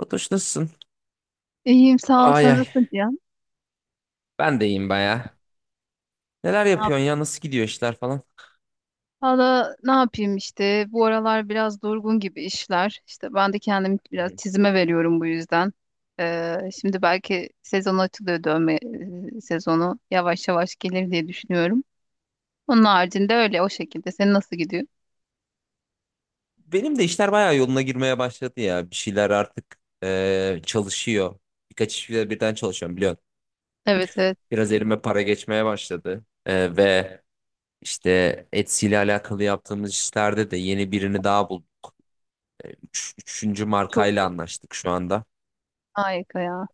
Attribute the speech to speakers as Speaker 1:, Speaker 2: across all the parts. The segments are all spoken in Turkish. Speaker 1: Fatoş nasılsın?
Speaker 2: İyiyim sağ ol,
Speaker 1: Ay
Speaker 2: sen
Speaker 1: ay.
Speaker 2: nasıl diyorsun?
Speaker 1: Ben de iyiyim baya. Neler
Speaker 2: Ne yap-
Speaker 1: yapıyorsun ya? Nasıl gidiyor işler falan?
Speaker 2: Valla ne yapayım işte, bu aralar biraz durgun gibi işler. İşte ben de kendimi
Speaker 1: Hı
Speaker 2: biraz
Speaker 1: hı.
Speaker 2: çizime veriyorum bu yüzden. Şimdi belki sezon açılıyor, dövme sezonu yavaş yavaş gelir diye düşünüyorum. Onun haricinde öyle, o şekilde. Senin nasıl gidiyor?
Speaker 1: Benim de işler baya yoluna girmeye başladı ya. Bir şeyler artık çalışıyor. Birkaç işle birden çalışıyorum biliyorsun.
Speaker 2: Evet, evet,
Speaker 1: Biraz elime para geçmeye başladı. Ve işte Etsy ile alakalı yaptığımız işlerde de yeni birini daha bulduk. Üçüncü
Speaker 2: çok
Speaker 1: markayla
Speaker 2: iyi.
Speaker 1: anlaştık şu anda.
Speaker 2: Harika ya.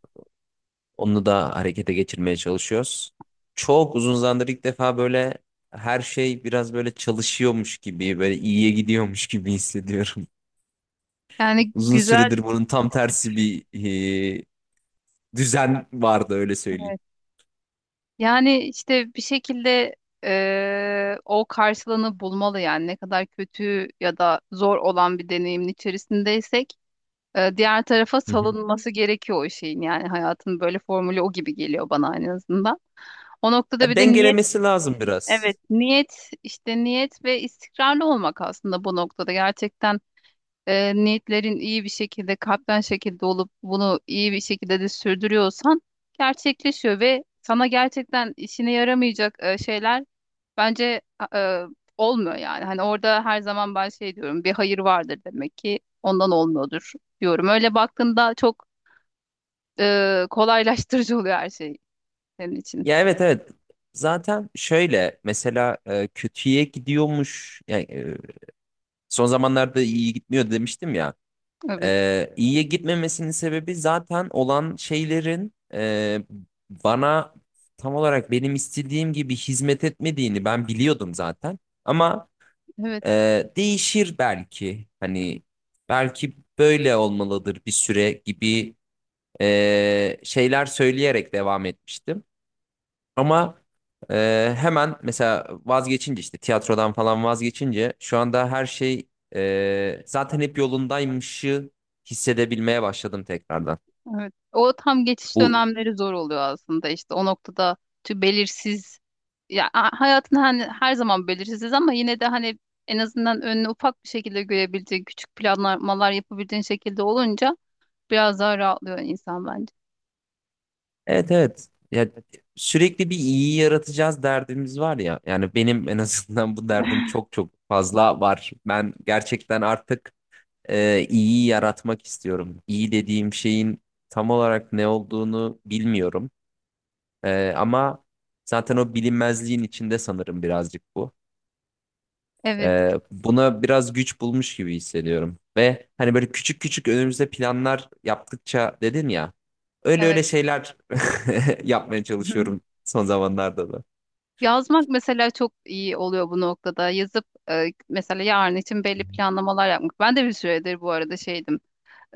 Speaker 1: Onu da harekete geçirmeye çalışıyoruz. Çok uzun zamandır ilk defa böyle her şey biraz böyle çalışıyormuş gibi, böyle iyiye gidiyormuş gibi hissediyorum.
Speaker 2: Yani
Speaker 1: Uzun
Speaker 2: güzel.
Speaker 1: süredir bunun tam tersi bir e, düzen vardı, öyle söyleyeyim.
Speaker 2: Evet. Yani işte bir şekilde o karşılığını bulmalı, yani ne kadar kötü ya da zor olan bir deneyimin içerisindeysek diğer tarafa
Speaker 1: Hı hı.
Speaker 2: salınması gerekiyor o şeyin. Yani hayatın böyle formülü o gibi geliyor bana, en azından. O noktada
Speaker 1: Ya
Speaker 2: bir de niyet,
Speaker 1: dengelemesi lazım
Speaker 2: evet,
Speaker 1: biraz.
Speaker 2: niyet, işte niyet ve istikrarlı olmak aslında bu noktada. Gerçekten niyetlerin iyi bir şekilde kalpten şekilde olup bunu iyi bir şekilde de sürdürüyorsan gerçekleşiyor, ve sana gerçekten işine yaramayacak şeyler bence e, olmuyor yani. Hani orada her zaman ben şey diyorum, bir hayır vardır demek ki, ondan olmuyordur diyorum. Öyle baktığında çok kolaylaştırıcı oluyor her şey senin için.
Speaker 1: Ya evet evet. Zaten şöyle mesela kötüye gidiyormuş. Yani son zamanlarda iyi gitmiyor demiştim ya.
Speaker 2: Evet,
Speaker 1: İyiye gitmemesinin sebebi zaten olan şeylerin bana tam olarak benim istediğim gibi hizmet etmediğini ben biliyordum zaten. Ama
Speaker 2: evet,
Speaker 1: değişir belki. Hani belki böyle olmalıdır bir süre gibi şeyler söyleyerek devam etmiştim. Ama hemen mesela vazgeçince, işte tiyatrodan falan vazgeçince, şu anda her şey zaten hep yolundaymışı hissedebilmeye başladım tekrardan.
Speaker 2: evet. O tam geçiş
Speaker 1: Bu
Speaker 2: dönemleri zor oluyor aslında, işte o noktada belirsiz. Hayatın hani her zaman belirsiz, ama yine de hani en azından önünü ufak bir şekilde görebildiğin, küçük planlamalar yapabildiğin şekilde olunca biraz daha rahatlıyor insan bence.
Speaker 1: evet evet ya, sürekli bir iyi yaratacağız derdimiz var ya. Yani benim en azından bu derdim çok çok fazla var. Ben gerçekten artık iyiyi yaratmak istiyorum. İyi dediğim şeyin tam olarak ne olduğunu bilmiyorum. Ama zaten o bilinmezliğin içinde sanırım birazcık bu.
Speaker 2: Evet,
Speaker 1: Buna biraz güç bulmuş gibi hissediyorum. Ve hani böyle küçük küçük önümüzde planlar yaptıkça dedin ya. Öyle
Speaker 2: evet.
Speaker 1: öyle şeyler yapmaya çalışıyorum son zamanlarda da.
Speaker 2: Yazmak mesela çok iyi oluyor bu noktada. Yazıp mesela yarın için belli planlamalar yapmak. Ben de bir süredir bu arada şeydim.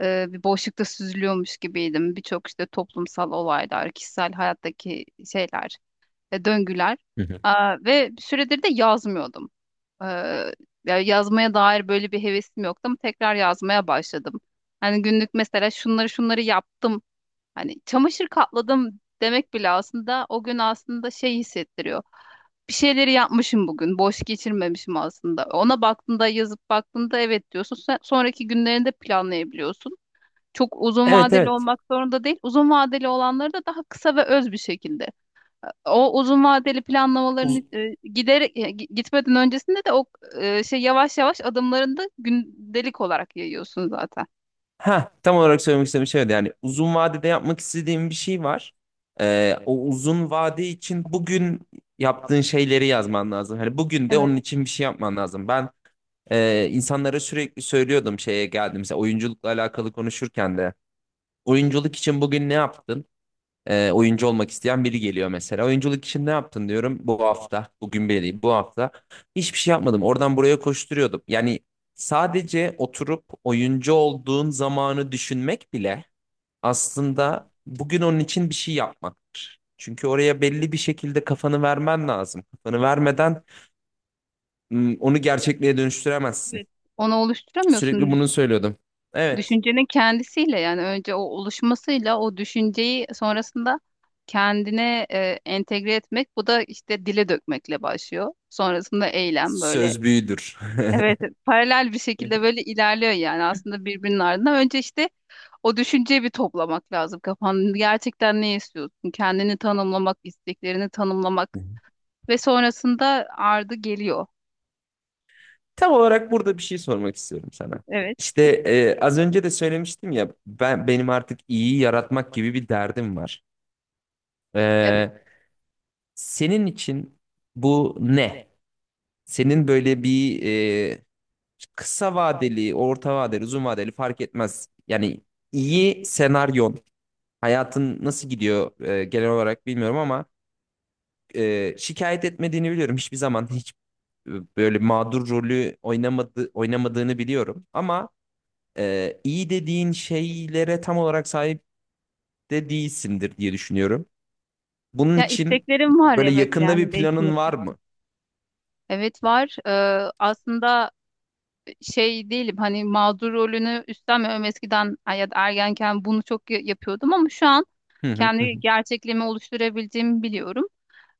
Speaker 2: Bir boşlukta süzülüyormuş gibiydim. Birçok işte toplumsal olaylar, kişisel hayattaki şeyler, döngüler.
Speaker 1: Hı hı.
Speaker 2: Ve bir süredir de yazmıyordum. Ee, Ya yazmaya dair böyle bir hevesim yoktu, ama tekrar yazmaya başladım. Hani günlük mesela, şunları şunları yaptım. Hani çamaşır katladım demek bile aslında o gün aslında şey hissettiriyor. Bir şeyleri yapmışım bugün. Boş geçirmemişim aslında. Ona baktığında, yazıp baktığında evet diyorsun. Sonraki günlerini de planlayabiliyorsun. Çok uzun
Speaker 1: Evet
Speaker 2: vadeli
Speaker 1: evet.
Speaker 2: olmak zorunda değil. Uzun vadeli olanları da daha kısa ve öz bir şekilde. O uzun vadeli
Speaker 1: Uz
Speaker 2: planlamaların giderek gitmeden öncesinde de o şey yavaş yavaş adımlarını da gündelik olarak yayıyorsun zaten.
Speaker 1: Heh, tam olarak söylemek istediğim şey oydu. Yani uzun vadede yapmak istediğim bir şey var. O uzun vade için bugün yaptığın şeyleri yazman lazım. Hani bugün de
Speaker 2: Evet.
Speaker 1: onun için bir şey yapman lazım. Ben insanlara sürekli söylüyordum şeye geldiğimizde oyunculukla alakalı konuşurken de. Oyunculuk için bugün ne yaptın? Oyuncu olmak isteyen biri geliyor mesela. Oyunculuk için ne yaptın diyorum bu hafta. Bugün bile değil, bu hafta. Hiçbir şey yapmadım. Oradan buraya koşturuyordum. Yani sadece oturup oyuncu olduğun zamanı düşünmek bile aslında bugün onun için bir şey yapmaktır. Çünkü oraya belli bir şekilde kafanı vermen lazım. Kafanı vermeden onu gerçekliğe dönüştüremezsin.
Speaker 2: Evet. Onu oluşturamıyorsun.
Speaker 1: Sürekli bunu söylüyordum. Evet.
Speaker 2: Düşüncenin kendisiyle yani, önce o oluşmasıyla o düşünceyi sonrasında kendine entegre etmek, bu da işte dile dökmekle başlıyor. Sonrasında eylem böyle,
Speaker 1: Söz büyüdür.
Speaker 2: evet, paralel bir şekilde böyle ilerliyor yani aslında birbirinin ardından. Önce işte o düşünceyi bir toplamak lazım kafanı. Gerçekten ne istiyorsun? Kendini tanımlamak, isteklerini tanımlamak ve sonrasında ardı geliyor.
Speaker 1: Tam olarak burada bir şey sormak istiyorum sana.
Speaker 2: Evet,
Speaker 1: İşte az önce de söylemiştim ya, ben benim artık iyi yaratmak gibi bir derdim var.
Speaker 2: evet.
Speaker 1: E, Senin için bu ne? Senin böyle bir e, kısa vadeli, orta vadeli, uzun vadeli fark etmez. Yani iyi senaryon, hayatın nasıl gidiyor genel olarak bilmiyorum ama şikayet etmediğini biliyorum hiçbir zaman, böyle mağdur rolü oynamadı, oynamadığını biliyorum. Ama iyi dediğin şeylere tam olarak sahip de değilsindir diye düşünüyorum. Bunun
Speaker 2: Ya
Speaker 1: için
Speaker 2: isteklerim var,
Speaker 1: böyle
Speaker 2: evet,
Speaker 1: yakında bir
Speaker 2: yani
Speaker 1: planın
Speaker 2: değişmek
Speaker 1: var
Speaker 2: gibi.
Speaker 1: mı?
Speaker 2: Evet var. Aslında şey değilim, hani mağdur rolünü üstlenmiyorum. Eskiden ya da ergenken bunu çok yapıyordum, ama şu an
Speaker 1: Hı hı hı
Speaker 2: kendi gerçekliğimi oluşturabildiğimi biliyorum.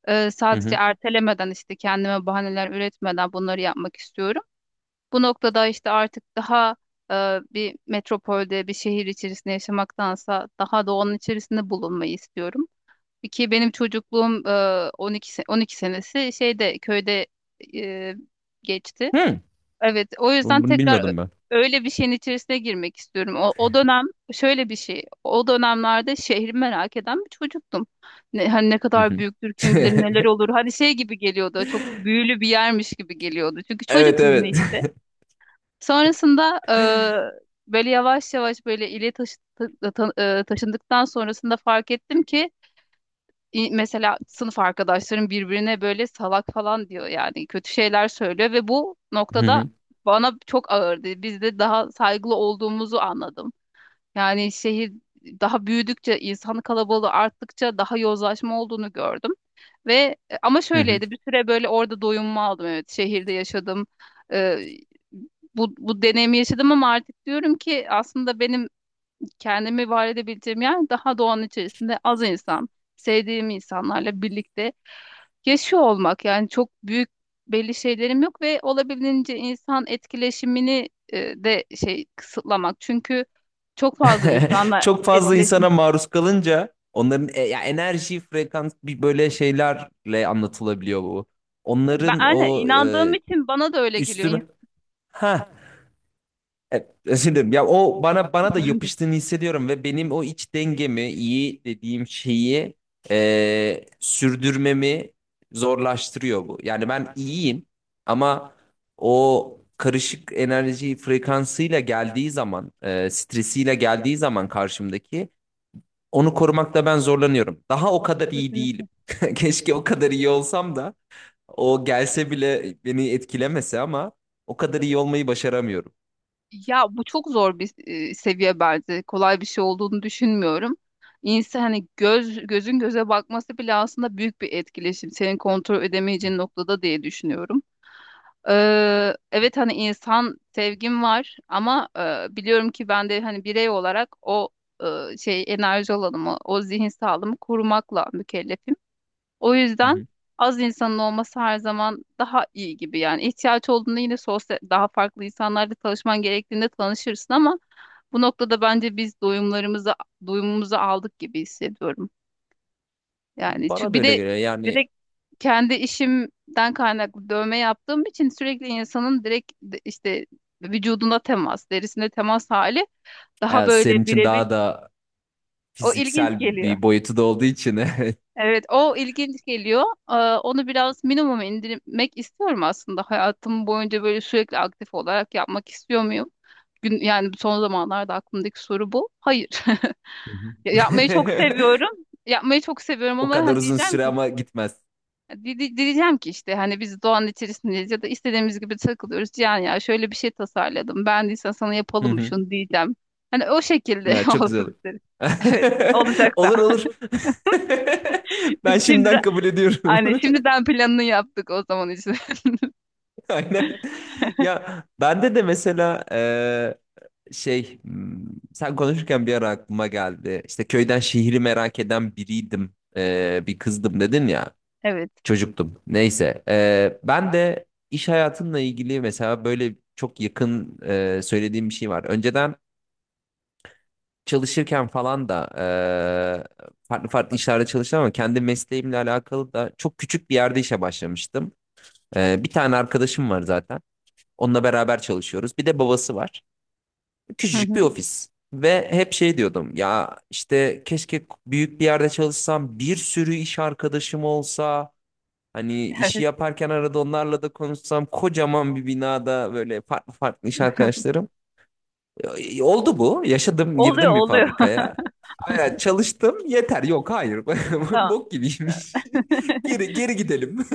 Speaker 1: hı.
Speaker 2: Sadece
Speaker 1: Hı.
Speaker 2: ertelemeden, işte kendime bahaneler üretmeden bunları yapmak istiyorum. Bu noktada işte artık daha e, bir metropolde, bir şehir içerisinde yaşamaktansa daha doğanın içerisinde bulunmayı istiyorum. Ki benim çocukluğum 12 12 senesi şeyde köyde e, geçti.
Speaker 1: Hı.
Speaker 2: Evet, o
Speaker 1: Bunu
Speaker 2: yüzden tekrar
Speaker 1: bilmiyordum ben.
Speaker 2: öyle bir şeyin içerisine girmek istiyorum. O dönem şöyle bir şey. O dönemlerde şehri merak eden bir çocuktum. Ne, hani ne
Speaker 1: Hı
Speaker 2: kadar
Speaker 1: hı.
Speaker 2: büyüktür, kim bilir neler olur. Hani şey gibi geliyordu. Çok büyülü bir yermiş gibi geliyordu. Çünkü çocuk
Speaker 1: Evet
Speaker 2: zihni
Speaker 1: evet.
Speaker 2: işte. Sonrasında böyle yavaş yavaş böyle ile ta- ta- taşındıktan sonrasında fark ettim ki mesela sınıf arkadaşlarım birbirine böyle salak falan diyor, yani kötü şeyler söylüyor ve bu
Speaker 1: Hı
Speaker 2: noktada
Speaker 1: hı,
Speaker 2: bana çok ağırdı. Biz de daha saygılı olduğumuzu anladım. Yani şehir daha büyüdükçe, insan kalabalığı arttıkça daha yozlaşma olduğunu gördüm. Ve ama
Speaker 1: hı hı.
Speaker 2: şöyleydi, bir süre böyle orada doyumma aldım, evet şehirde yaşadım. Ee, Bu deneyimi yaşadım, ama artık diyorum ki aslında benim kendimi var edebileceğim yer daha doğanın içerisinde, az insan, sevdiğim insanlarla birlikte yaşıyor olmak. Yani çok büyük belli şeylerim yok ve olabildiğince insan etkileşimini e, de şey kısıtlamak. Çünkü çok fazla insanla
Speaker 1: Çok fazla
Speaker 2: etkileşim.
Speaker 1: insana maruz kalınca onların ya enerji, frekans, bir böyle şeylerle anlatılabiliyor bu.
Speaker 2: Ben
Speaker 1: Onların
Speaker 2: aynen
Speaker 1: o
Speaker 2: inandığım için bana da öyle geliyor.
Speaker 1: üstüme
Speaker 2: İnsan.
Speaker 1: ha. Evet, özür dilerim. Ya o bana bana da
Speaker 2: Sorun değil.
Speaker 1: yapıştığını hissediyorum ve benim o iç dengemi, iyi dediğim şeyi sürdürmemi zorlaştırıyor bu. Yani ben iyiyim ama o karışık enerji frekansıyla geldiği zaman, stresiyle geldiği zaman karşımdaki onu korumakta ben zorlanıyorum. Daha o kadar iyi değilim.
Speaker 2: Kesinlikle.
Speaker 1: Keşke o kadar iyi olsam da o gelse bile beni etkilemese, ama o kadar iyi olmayı başaramıyorum.
Speaker 2: Ya bu çok zor bir seviye bence. Kolay bir şey olduğunu düşünmüyorum. İnsan hani göz, gözün göze bakması bile aslında büyük bir etkileşim. Senin kontrol
Speaker 1: Hı
Speaker 2: edemeyeceğin noktada diye düşünüyorum. Evet, hani insan sevgim var, ama biliyorum ki ben de hani birey olarak o şey enerji alanımı, o zihin sağlığımı korumakla mükellefim. O yüzden
Speaker 1: hı.
Speaker 2: az insanın olması her zaman daha iyi gibi, yani. İhtiyaç olduğunda yine sosyal, daha farklı insanlarla tanışman gerektiğinde tanışırsın, ama bu noktada bence biz doyumlarımızı, doyumumuzu aldık gibi hissediyorum. Yani çünkü
Speaker 1: Bana da
Speaker 2: bir
Speaker 1: öyle
Speaker 2: de
Speaker 1: geliyor.
Speaker 2: bir
Speaker 1: Yani
Speaker 2: de kendi işimden kaynaklı dövme yaptığım için sürekli insanın direkt işte vücuduna temas, derisine temas hali daha böyle
Speaker 1: senin için
Speaker 2: birebir,
Speaker 1: daha da
Speaker 2: o ilginç
Speaker 1: fiziksel
Speaker 2: geliyor.
Speaker 1: bir boyutu da olduğu için evet.
Speaker 2: Evet, o ilginç geliyor. Onu biraz minimum indirmek istiyorum aslında. Hayatım boyunca böyle sürekli aktif olarak yapmak istiyor muyum? Gün, yani son zamanlarda aklımdaki soru bu. Hayır.
Speaker 1: Hı hı.
Speaker 2: Yapmayı çok seviyorum. Yapmayı çok seviyorum,
Speaker 1: O
Speaker 2: ama
Speaker 1: kadar
Speaker 2: hani
Speaker 1: uzun
Speaker 2: diyeceğim
Speaker 1: süre
Speaker 2: ki
Speaker 1: ama gitmez.
Speaker 2: diyeceğim ki işte hani biz doğanın içerisindeyiz ya da istediğimiz gibi takılıyoruz. Cihan ya şöyle bir şey tasarladım, beğendiysen sana
Speaker 1: Hı
Speaker 2: yapalım mı
Speaker 1: hı.
Speaker 2: şunu, diyeceğim. Hani o şekilde
Speaker 1: Ya, çok güzel
Speaker 2: olsun
Speaker 1: olur.
Speaker 2: isterim. Evet, olacak da.
Speaker 1: Olur olur. Ben
Speaker 2: Şimdiden.
Speaker 1: şimdiden kabul ediyorum.
Speaker 2: Aynen, şimdiden planını yaptık o zaman için.
Speaker 1: Aynen. Ya bende de mesela şey, sen konuşurken bir ara aklıma geldi. İşte köyden şehri merak eden biriydim. Bir kızdım dedin ya.
Speaker 2: Evet.
Speaker 1: Çocuktum. Neyse. Ben de iş hayatımla ilgili mesela böyle çok yakın söylediğim bir şey var. Önceden çalışırken falan da farklı farklı işlerde çalıştım ama kendi mesleğimle alakalı da çok küçük bir yerde işe başlamıştım. Bir tane arkadaşım var zaten. Onunla beraber çalışıyoruz. Bir de babası var.
Speaker 2: Hı
Speaker 1: Küçücük bir
Speaker 2: hı.
Speaker 1: ofis. Ve hep şey diyordum ya, işte keşke büyük bir yerde çalışsam, bir sürü iş arkadaşım olsa, hani işi
Speaker 2: Evet.
Speaker 1: yaparken arada onlarla da konuşsam, kocaman bir binada böyle farklı farklı iş arkadaşlarım. Oldu bu, yaşadım,
Speaker 2: Oluyor,
Speaker 1: girdim bir
Speaker 2: oluyor.
Speaker 1: fabrikaya, aya çalıştım yeter yok hayır,
Speaker 2: Tamam.
Speaker 1: bok gibiymiş, geri, geri gidelim.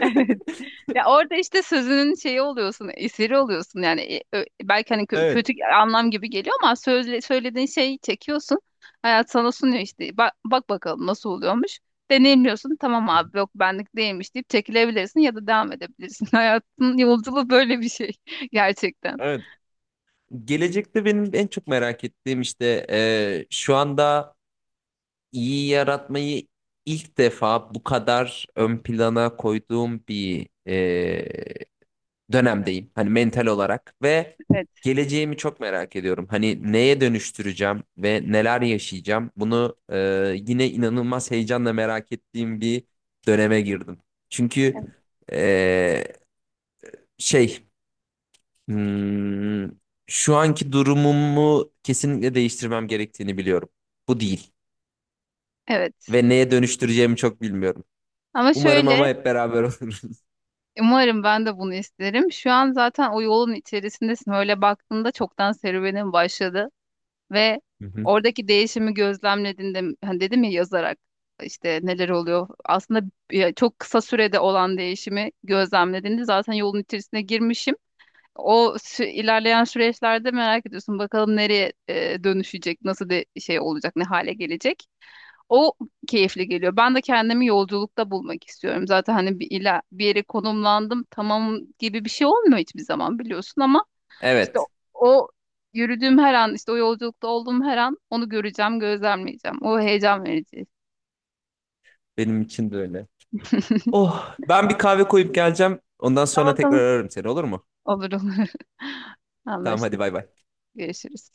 Speaker 2: Evet. Ya orada işte sözünün şeyi oluyorsun, esiri oluyorsun yani. Belki hani
Speaker 1: Evet,
Speaker 2: kötü anlam gibi geliyor, ama sözle söylediğin şeyi çekiyorsun. Hayat sana sunuyor işte. Bak, bak bakalım nasıl oluyormuş. Deneyimliyorsun. Tamam abi, yok benlik değilmiş deyip çekilebilirsin ya da devam edebilirsin. Hayatın yolculuğu böyle bir şey gerçekten.
Speaker 1: evet. Gelecekte benim en çok merak ettiğim işte şu anda iyi yaratmayı ilk defa bu kadar ön plana koyduğum bir dönemdeyim. Hani mental olarak ve
Speaker 2: Evet.
Speaker 1: geleceğimi çok merak ediyorum. Hani neye dönüştüreceğim ve neler yaşayacağım? Bunu yine inanılmaz heyecanla merak ettiğim bir döneme girdim. Çünkü e, şey hmm, şu anki durumumu kesinlikle değiştirmem gerektiğini biliyorum. Bu değil
Speaker 2: Evet.
Speaker 1: ve neye dönüştüreceğimi çok bilmiyorum.
Speaker 2: Ama
Speaker 1: Umarım
Speaker 2: şöyle,
Speaker 1: ama hep beraber olur.
Speaker 2: umarım ben de bunu isterim. Şu an zaten o yolun içerisindesin. Öyle baktığında çoktan serüvenin başladı ve
Speaker 1: Hı hı.
Speaker 2: oradaki değişimi gözlemlediğinde hani, dedim ya, yazarak işte neler oluyor. Aslında ya çok kısa sürede olan değişimi gözlemlediğinde zaten yolun içerisine girmişim. İlerleyen süreçlerde merak ediyorsun, bakalım nereye dönüşecek, nasıl bir şey olacak, ne hale gelecek. O keyifli geliyor. Ben de kendimi yolculukta bulmak istiyorum. Zaten hani bir, ila, bir yere konumlandım tamam gibi bir şey olmuyor hiçbir zaman biliyorsun, ama işte
Speaker 1: Evet,
Speaker 2: o yürüdüğüm her an, işte o yolculukta olduğum her an onu göreceğim, gözlemleyeceğim. O heyecan verici.
Speaker 1: benim için de öyle. Oh, ben bir kahve koyup geleceğim. Ondan sonra
Speaker 2: Tamam,
Speaker 1: tekrar
Speaker 2: tamam.
Speaker 1: ararım seni, olur mu?
Speaker 2: Olur, olur.
Speaker 1: Tamam hadi,
Speaker 2: Anlaştık.
Speaker 1: bay bay.
Speaker 2: Görüşürüz.